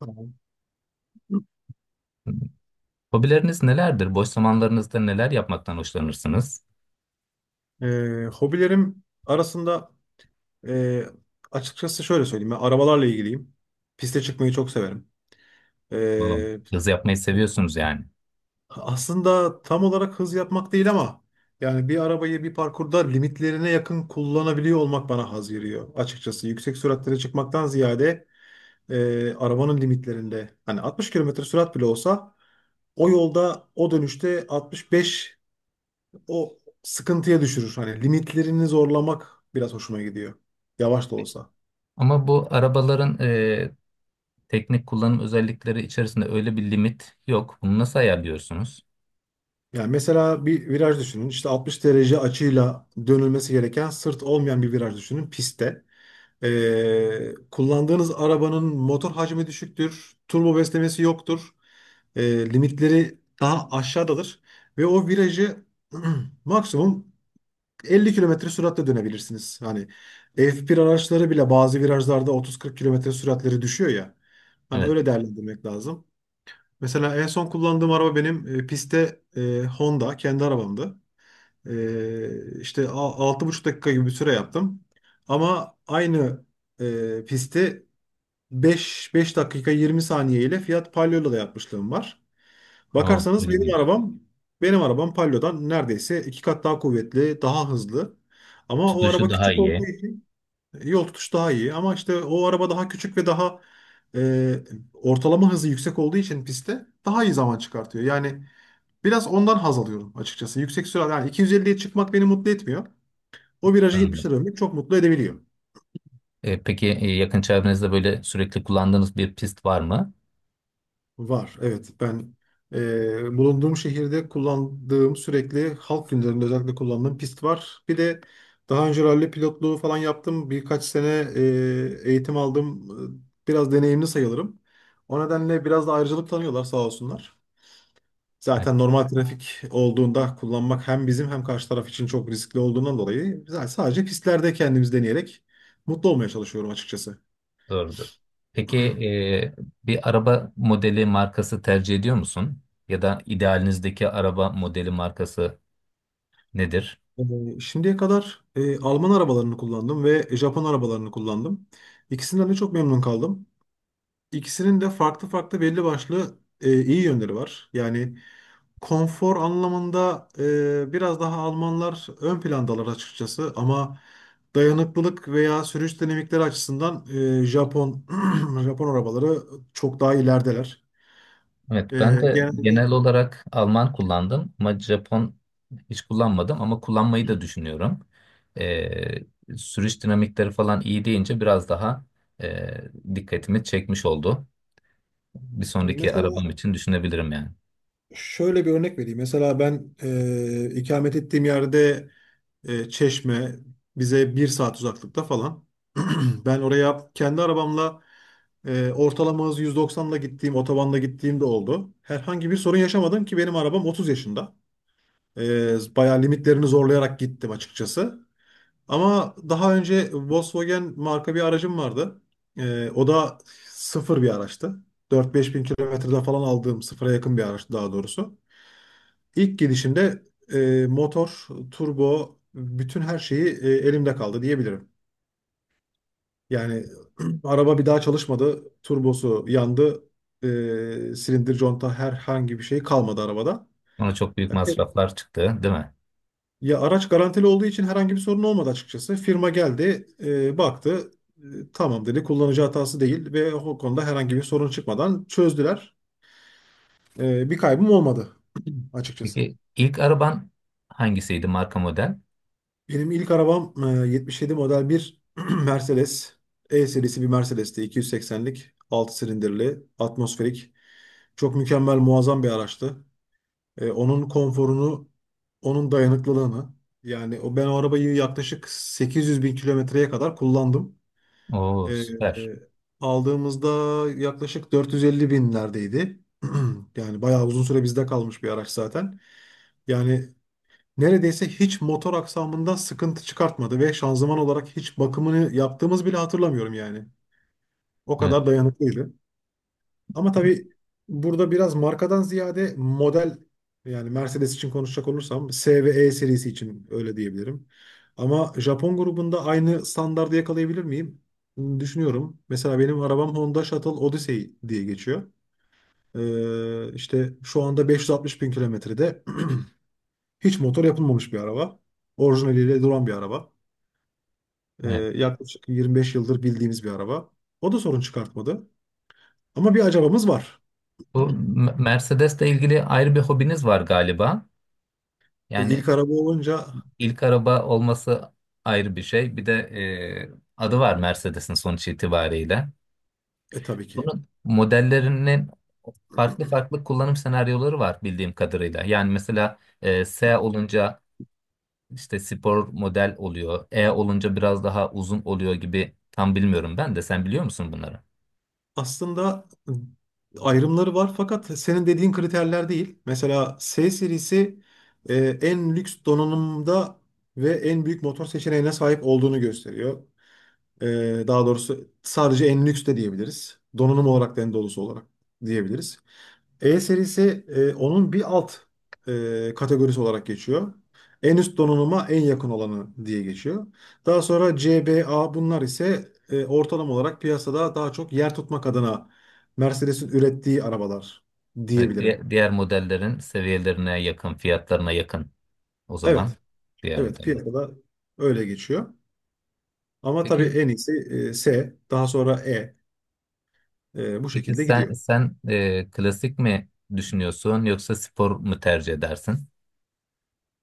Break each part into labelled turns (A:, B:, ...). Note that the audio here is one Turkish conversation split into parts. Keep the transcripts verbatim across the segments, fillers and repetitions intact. A: Tamam.
B: Hmm. Hobileriniz nelerdir? Boş zamanlarınızda neler yapmaktan hoşlanırsınız?
A: Ee, hobilerim arasında e, açıkçası şöyle söyleyeyim. Ben arabalarla ilgiliyim. Piste çıkmayı çok severim.
B: Valla.
A: Ee,
B: Yazı yapmayı seviyorsunuz yani.
A: Aslında tam olarak hız yapmak değil ama yani bir arabayı bir parkurda limitlerine yakın kullanabiliyor olmak bana haz veriyor. Açıkçası yüksek süratlere çıkmaktan ziyade e, arabanın limitlerinde hani altmış kilometre sürat bile olsa o yolda o dönüşte altmış beş, o sıkıntıya düşürür. Hani limitlerini zorlamak biraz hoşuma gidiyor. Yavaş da olsa.
B: Ama bu arabaların e, teknik kullanım özellikleri içerisinde öyle bir limit yok. Bunu nasıl ayarlıyorsunuz?
A: Yani mesela bir viraj düşünün. İşte altmış derece açıyla dönülmesi gereken sırt olmayan bir viraj düşünün pistte. Ee, kullandığınız arabanın motor hacmi düşüktür. Turbo beslemesi yoktur. Ee, Limitleri daha aşağıdadır. Ve o virajı maksimum elli kilometre süratle dönebilirsiniz. Hani F bir araçları bile bazı virajlarda otuz kırk kilometre süratleri düşüyor ya. Hani
B: Evet.
A: öyle değerlendirmek lazım. Mesela en son kullandığım araba benim e, pistte e, Honda kendi arabamdı. E, işte a- altı buçuk dakika gibi bir süre yaptım. Ama aynı e, pisti beş beş dakika yirmi saniye ile Fiat Palio'yla da yapmışlığım var.
B: Aa,
A: Bakarsanız benim
B: ilginç.
A: arabam benim arabam Palio'dan neredeyse iki kat daha kuvvetli, daha hızlı. Ama o
B: Tutuşu
A: araba
B: daha
A: küçük olduğu
B: iyi.
A: için yol tutuş daha iyi. Ama işte o araba daha küçük ve daha e, ortalama hızı yüksek olduğu için pistte daha iyi zaman çıkartıyor. Yani biraz ondan haz alıyorum açıkçası. Yüksek sürat yani iki yüz elliye çıkmak beni mutlu etmiyor. O virajı
B: Anladım.
A: yetmişe dönmek çok mutlu edebiliyor.
B: E, peki e, yakın çevrenizde böyle sürekli kullandığınız bir pist var mı?
A: Var, evet. Ben e, bulunduğum şehirde kullandığım sürekli halk günlerinde özellikle kullandığım pist var. Bir de daha önce ralli pilotluğu falan yaptım. Birkaç sene e, eğitim aldım. E, Biraz deneyimli sayılırım. O nedenle biraz da ayrıcalık tanıyorlar sağ olsunlar.
B: Evet,
A: Zaten normal trafik olduğunda kullanmak hem bizim hem karşı taraf için çok riskli olduğundan dolayı zaten sadece pistlerde kendimiz deneyerek mutlu olmaya çalışıyorum açıkçası.
B: doğrudur. Peki e, bir araba modeli markası tercih ediyor musun? Ya da idealinizdeki araba modeli markası nedir?
A: Ee, Şimdiye kadar e, Alman arabalarını kullandım ve Japon arabalarını kullandım. İkisinden de çok memnun kaldım. İkisinin de farklı farklı belli başlı e, iyi yönleri var. Yani konfor anlamında e, biraz daha Almanlar ön plandalar açıkçası ama dayanıklılık veya sürüş dinamikleri açısından e, Japon Japon arabaları çok daha ilerideler.
B: Evet, ben
A: E,
B: de
A: Genelde
B: genel olarak Alman kullandım ama Japon hiç kullanmadım ama kullanmayı da düşünüyorum. Ee, sürüş dinamikleri falan iyi deyince biraz daha e, dikkatimi çekmiş oldu. Bir sonraki
A: mesela
B: arabam için düşünebilirim yani.
A: şöyle bir örnek vereyim. Mesela ben e, ikamet ettiğim yerde e, Çeşme bize bir saat uzaklıkta falan. Ben oraya kendi arabamla e, ortalama hız yüz doksanla gittiğim, otobanda gittiğim de oldu. Herhangi bir sorun yaşamadım ki benim arabam otuz yaşında. E, bayağı limitlerini zorlayarak gittim açıkçası. Ama daha önce Volkswagen marka bir aracım vardı. E, o da sıfır bir araçtı. dört beş bin kilometreden falan aldığım sıfıra yakın bir araçtı daha doğrusu. İlk gidişimde e, motor, turbo, bütün her şeyi e, elimde kaldı diyebilirim. Yani araba bir daha çalışmadı, turbosu yandı, e, silindir, conta herhangi bir şey kalmadı arabada.
B: Ona çok büyük
A: Evet.
B: masraflar çıktı, değil mi?
A: Ya araç garantili olduğu için herhangi bir sorun olmadı açıkçası. Firma geldi, e, baktı, e, tamam dedi, kullanıcı hatası değil ve o konuda herhangi bir sorun çıkmadan çözdüler. E, bir kaybım olmadı açıkçası.
B: Peki ilk araban hangisiydi marka model?
A: Benim ilk arabam e, yetmiş yedi model bir Mercedes. E serisi bir Mercedes'ti. iki yüz seksenlik, altı silindirli, atmosferik. Çok mükemmel, muazzam bir araçtı. E, onun konforunu, onun dayanıklılığını. Yani o ben o arabayı yaklaşık sekiz yüz bin kilometreye kadar kullandım.
B: Oo
A: E, e,
B: süper.
A: Aldığımızda yaklaşık dört yüz elli binlerdeydi. Yani bayağı uzun süre bizde kalmış bir araç zaten. Yani neredeyse hiç motor aksamında sıkıntı çıkartmadı ve şanzıman olarak hiç bakımını yaptığımız bile hatırlamıyorum yani. O
B: Evet.
A: kadar dayanıklıydı. Ama tabii burada biraz markadan ziyade model yani Mercedes için konuşacak olursam S ve E serisi için öyle diyebilirim. Ama Japon grubunda aynı standardı yakalayabilir miyim? Düşünüyorum. Mesela benim arabam Honda Shuttle Odyssey diye geçiyor. Ee, işte şu anda beş yüz altmış bin kilometrede hiç motor yapılmamış bir araba orijinaliyle duran bir araba. Ee,
B: Evet.
A: Yaklaşık yirmi beş yıldır bildiğimiz bir araba. O da sorun çıkartmadı. Ama bir acabamız var.
B: Bu M- Mercedes'le ilgili ayrı bir hobiniz var galiba.
A: E,
B: Yani
A: ilk araba olunca
B: İlk araba olması ayrı bir şey. Bir de e, adı var Mercedes'in sonuç itibariyle.
A: e tabii ki.
B: Bunun modellerinin farklı farklı kullanım senaryoları var bildiğim kadarıyla. Yani mesela e, S olunca işte spor model oluyor. E olunca biraz daha uzun oluyor gibi tam bilmiyorum ben de. Sen biliyor musun bunları?
A: Aslında e, ayrımları var fakat senin dediğin kriterler değil. Mesela S serisi e, en lüks donanımda ve en büyük motor seçeneğine sahip olduğunu gösteriyor. E, Daha doğrusu sadece en lüks de diyebiliriz. Donanım olarak da en dolusu olarak diyebiliriz. E serisi e, onun bir alt e, kategorisi olarak geçiyor. En üst donanıma en yakın olanı diye geçiyor. Daha sonra C B A bunlar ise e, ortalama olarak piyasada daha çok yer tutmak adına Mercedes'in ürettiği arabalar
B: Evet,
A: diyebilirim.
B: diğer, diğer modellerin seviyelerine yakın, fiyatlarına yakın o zaman
A: Evet,
B: diğer
A: evet
B: modeller.
A: piyasada öyle geçiyor. Ama tabii
B: Peki
A: en iyisi e, S, daha sonra E, e, bu
B: peki
A: şekilde
B: sen
A: gidiyor.
B: sen e, klasik mi düşünüyorsun yoksa spor mu tercih edersin?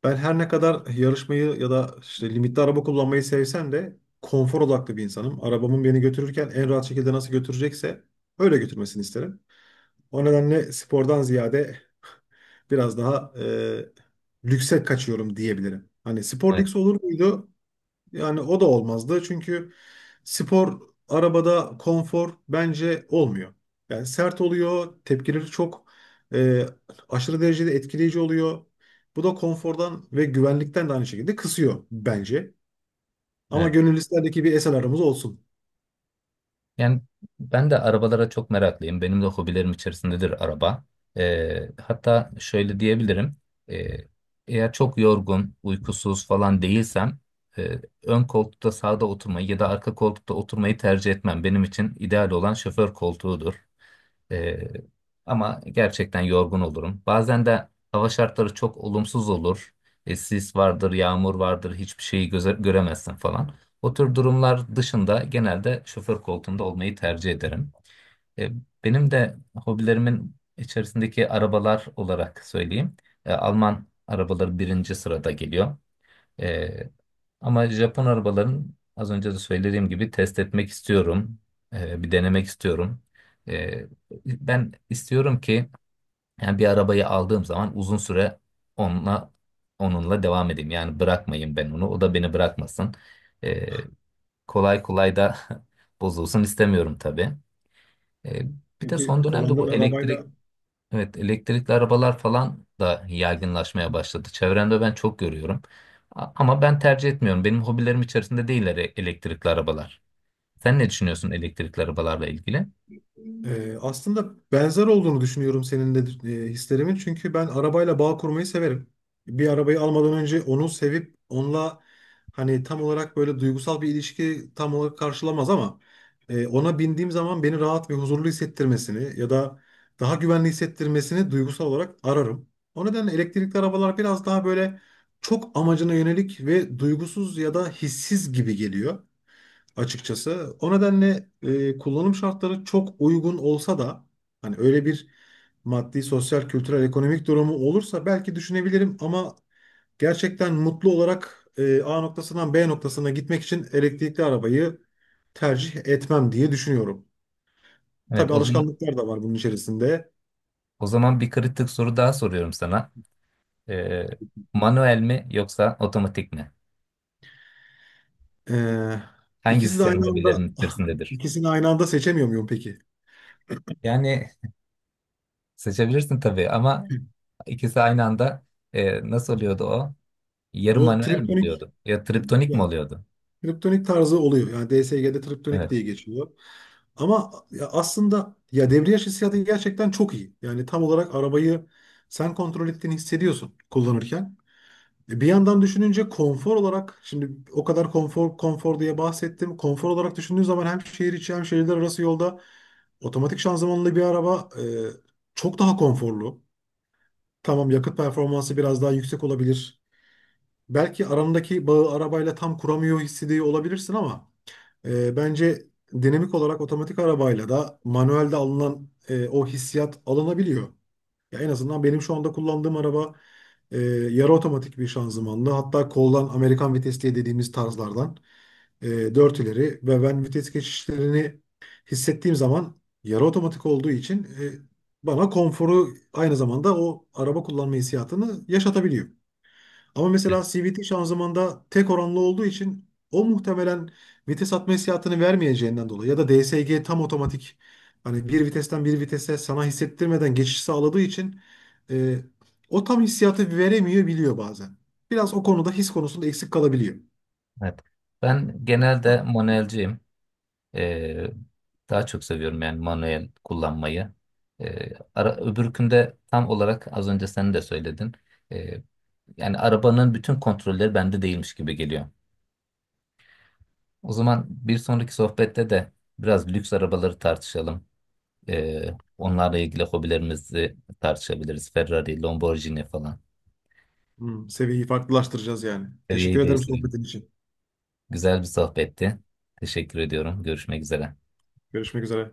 A: Ben her ne kadar yarışmayı ya da işte limitli araba kullanmayı sevsem de konfor odaklı bir insanım. Arabamın beni götürürken en rahat şekilde nasıl götürecekse öyle götürmesini isterim. O nedenle spordan ziyade biraz daha e, lükse kaçıyorum diyebilirim. Hani spor
B: Evet,
A: lüks olur muydu? Yani o da olmazdı. Çünkü spor arabada konfor bence olmuyor. Yani sert oluyor, tepkileri çok e, aşırı derecede etkileyici oluyor. Bu da konfordan ve güvenlikten de aynı şekilde kısıyor bence. Ama
B: evet.
A: gönül isterdi ki bir S L R'ımız olsun.
B: Yani ben de arabalara çok meraklıyım. Benim de hobilerim içerisindedir araba. E, hatta şöyle diyebilirim. E, eğer çok yorgun, uykusuz falan değilsem e, ön koltukta sağda oturmayı ya da arka koltukta oturmayı tercih etmem. Benim için ideal olan şoför koltuğudur. Ee, ama gerçekten yorgun olurum. Bazen de hava şartları çok olumsuz olur. E, sis vardır, yağmur vardır, hiçbir şeyi göze- göremezsin falan. O tür durumlar dışında genelde şoför koltuğunda olmayı tercih ederim. E, benim de hobilerimin içerisindeki arabalar olarak söyleyeyim. E, Alman arabaları birinci sırada geliyor. Ee, ama Japon arabaların az önce de söylediğim gibi test etmek istiyorum. Ee, bir denemek istiyorum. Ee, ben istiyorum ki yani bir arabayı aldığım zaman uzun süre onunla onunla devam edeyim. Yani bırakmayayım ben onu. O da beni bırakmasın. Ee, kolay kolay da bozulsun istemiyorum tabii. Ee, bir de son
A: Çünkü
B: dönemde
A: kullandığın
B: bu
A: arabayla
B: elektrikli Evet, elektrikli arabalar falan da yaygınlaşmaya başladı. Çevremde ben çok görüyorum. A- Ama ben tercih etmiyorum. Benim hobilerim içerisinde değiller e- elektrikli arabalar. Sen ne düşünüyorsun elektrikli arabalarla ilgili?
A: Ee, Aslında benzer olduğunu düşünüyorum senin de e, hislerimin. Çünkü ben arabayla bağ kurmayı severim. Bir arabayı almadan önce onu sevip onunla hani tam olarak böyle duygusal bir ilişki tam olarak karşılamaz ama e, ona bindiğim zaman beni rahat ve huzurlu hissettirmesini ya da daha güvenli hissettirmesini duygusal olarak ararım. O nedenle elektrikli arabalar biraz daha böyle çok amacına yönelik ve duygusuz ya da hissiz gibi geliyor açıkçası. O nedenle e, kullanım şartları çok uygun olsa da hani öyle bir maddi, sosyal, kültürel, ekonomik durumu olursa belki düşünebilirim ama gerçekten mutlu olarak e, A noktasından B noktasına gitmek için elektrikli arabayı tercih etmem diye düşünüyorum.
B: Evet,
A: Tabii
B: o zaman,
A: alışkanlıklar da var bunun içerisinde.
B: o zaman bir kritik soru daha soruyorum sana. Ee, manuel mi yoksa otomatik mi?
A: Ee,
B: Hangisi
A: ikisi de
B: senin
A: aynı anda
B: hobilerin içerisindedir?
A: ikisini aynı anda seçemiyor muyum peki?
B: Yani seçebilirsin tabii ama ikisi aynı anda e, nasıl oluyordu o? Yarı
A: O
B: manuel mi
A: triptonik
B: oluyordu? Ya triptonik
A: ya,
B: mi oluyordu?
A: triptonik tarzı oluyor. Yani D S G'de triptonik diye
B: Evet.
A: geçiyor. Ama ya aslında ya debriyaj hissiyatı gerçekten çok iyi. Yani tam olarak arabayı sen kontrol ettiğini hissediyorsun kullanırken. E, Bir yandan düşününce konfor olarak şimdi o kadar konfor konfor diye bahsettim. Konfor olarak düşündüğün zaman hem şehir içi hem şehirler arası yolda otomatik şanzımanlı bir araba e, çok daha konforlu. Tamam yakıt performansı biraz daha yüksek olabilir. Belki arandaki bağı arabayla tam kuramıyor hissediyor olabilirsin ama e, bence dinamik olarak otomatik arabayla da manuelde alınan e, o hissiyat alınabiliyor. Ya en azından benim şu anda kullandığım araba e, yarı otomatik bir şanzımanlı. Hatta koldan Amerikan vites diye dediğimiz tarzlardan e, dört ileri ve ben vites geçişlerini hissettiğim zaman yarı otomatik olduğu için e, bana konforu aynı zamanda o araba kullanma hissiyatını yaşatabiliyor. Ama mesela C V T şanzımanda tek oranlı olduğu için o muhtemelen vites atma hissiyatını vermeyeceğinden dolayı ya da D S G tam otomatik hani bir vitesten bir vitese sana hissettirmeden geçiş sağladığı için e, o tam hissiyatı veremiyor biliyor bazen. Biraz o konuda his konusunda eksik kalabiliyor.
B: Evet. Ben genelde manuelciyim. Ee, daha çok seviyorum yani manuel kullanmayı. Ee, ara, öbürkünde tam olarak az önce sen de söyledin. Ee, yani arabanın bütün kontrolleri bende değilmiş gibi geliyor. O zaman bir sonraki sohbette de biraz lüks arabaları tartışalım. Ee, onlarla ilgili hobilerimizi tartışabiliriz. Ferrari, Lamborghini falan.
A: Hmm, seviyeyi farklılaştıracağız yani. Teşekkür
B: Seviyeyi
A: ederim
B: değiştirelim.
A: sohbetin için.
B: Güzel bir sohbetti. Teşekkür ediyorum. Görüşmek üzere.
A: Görüşmek üzere.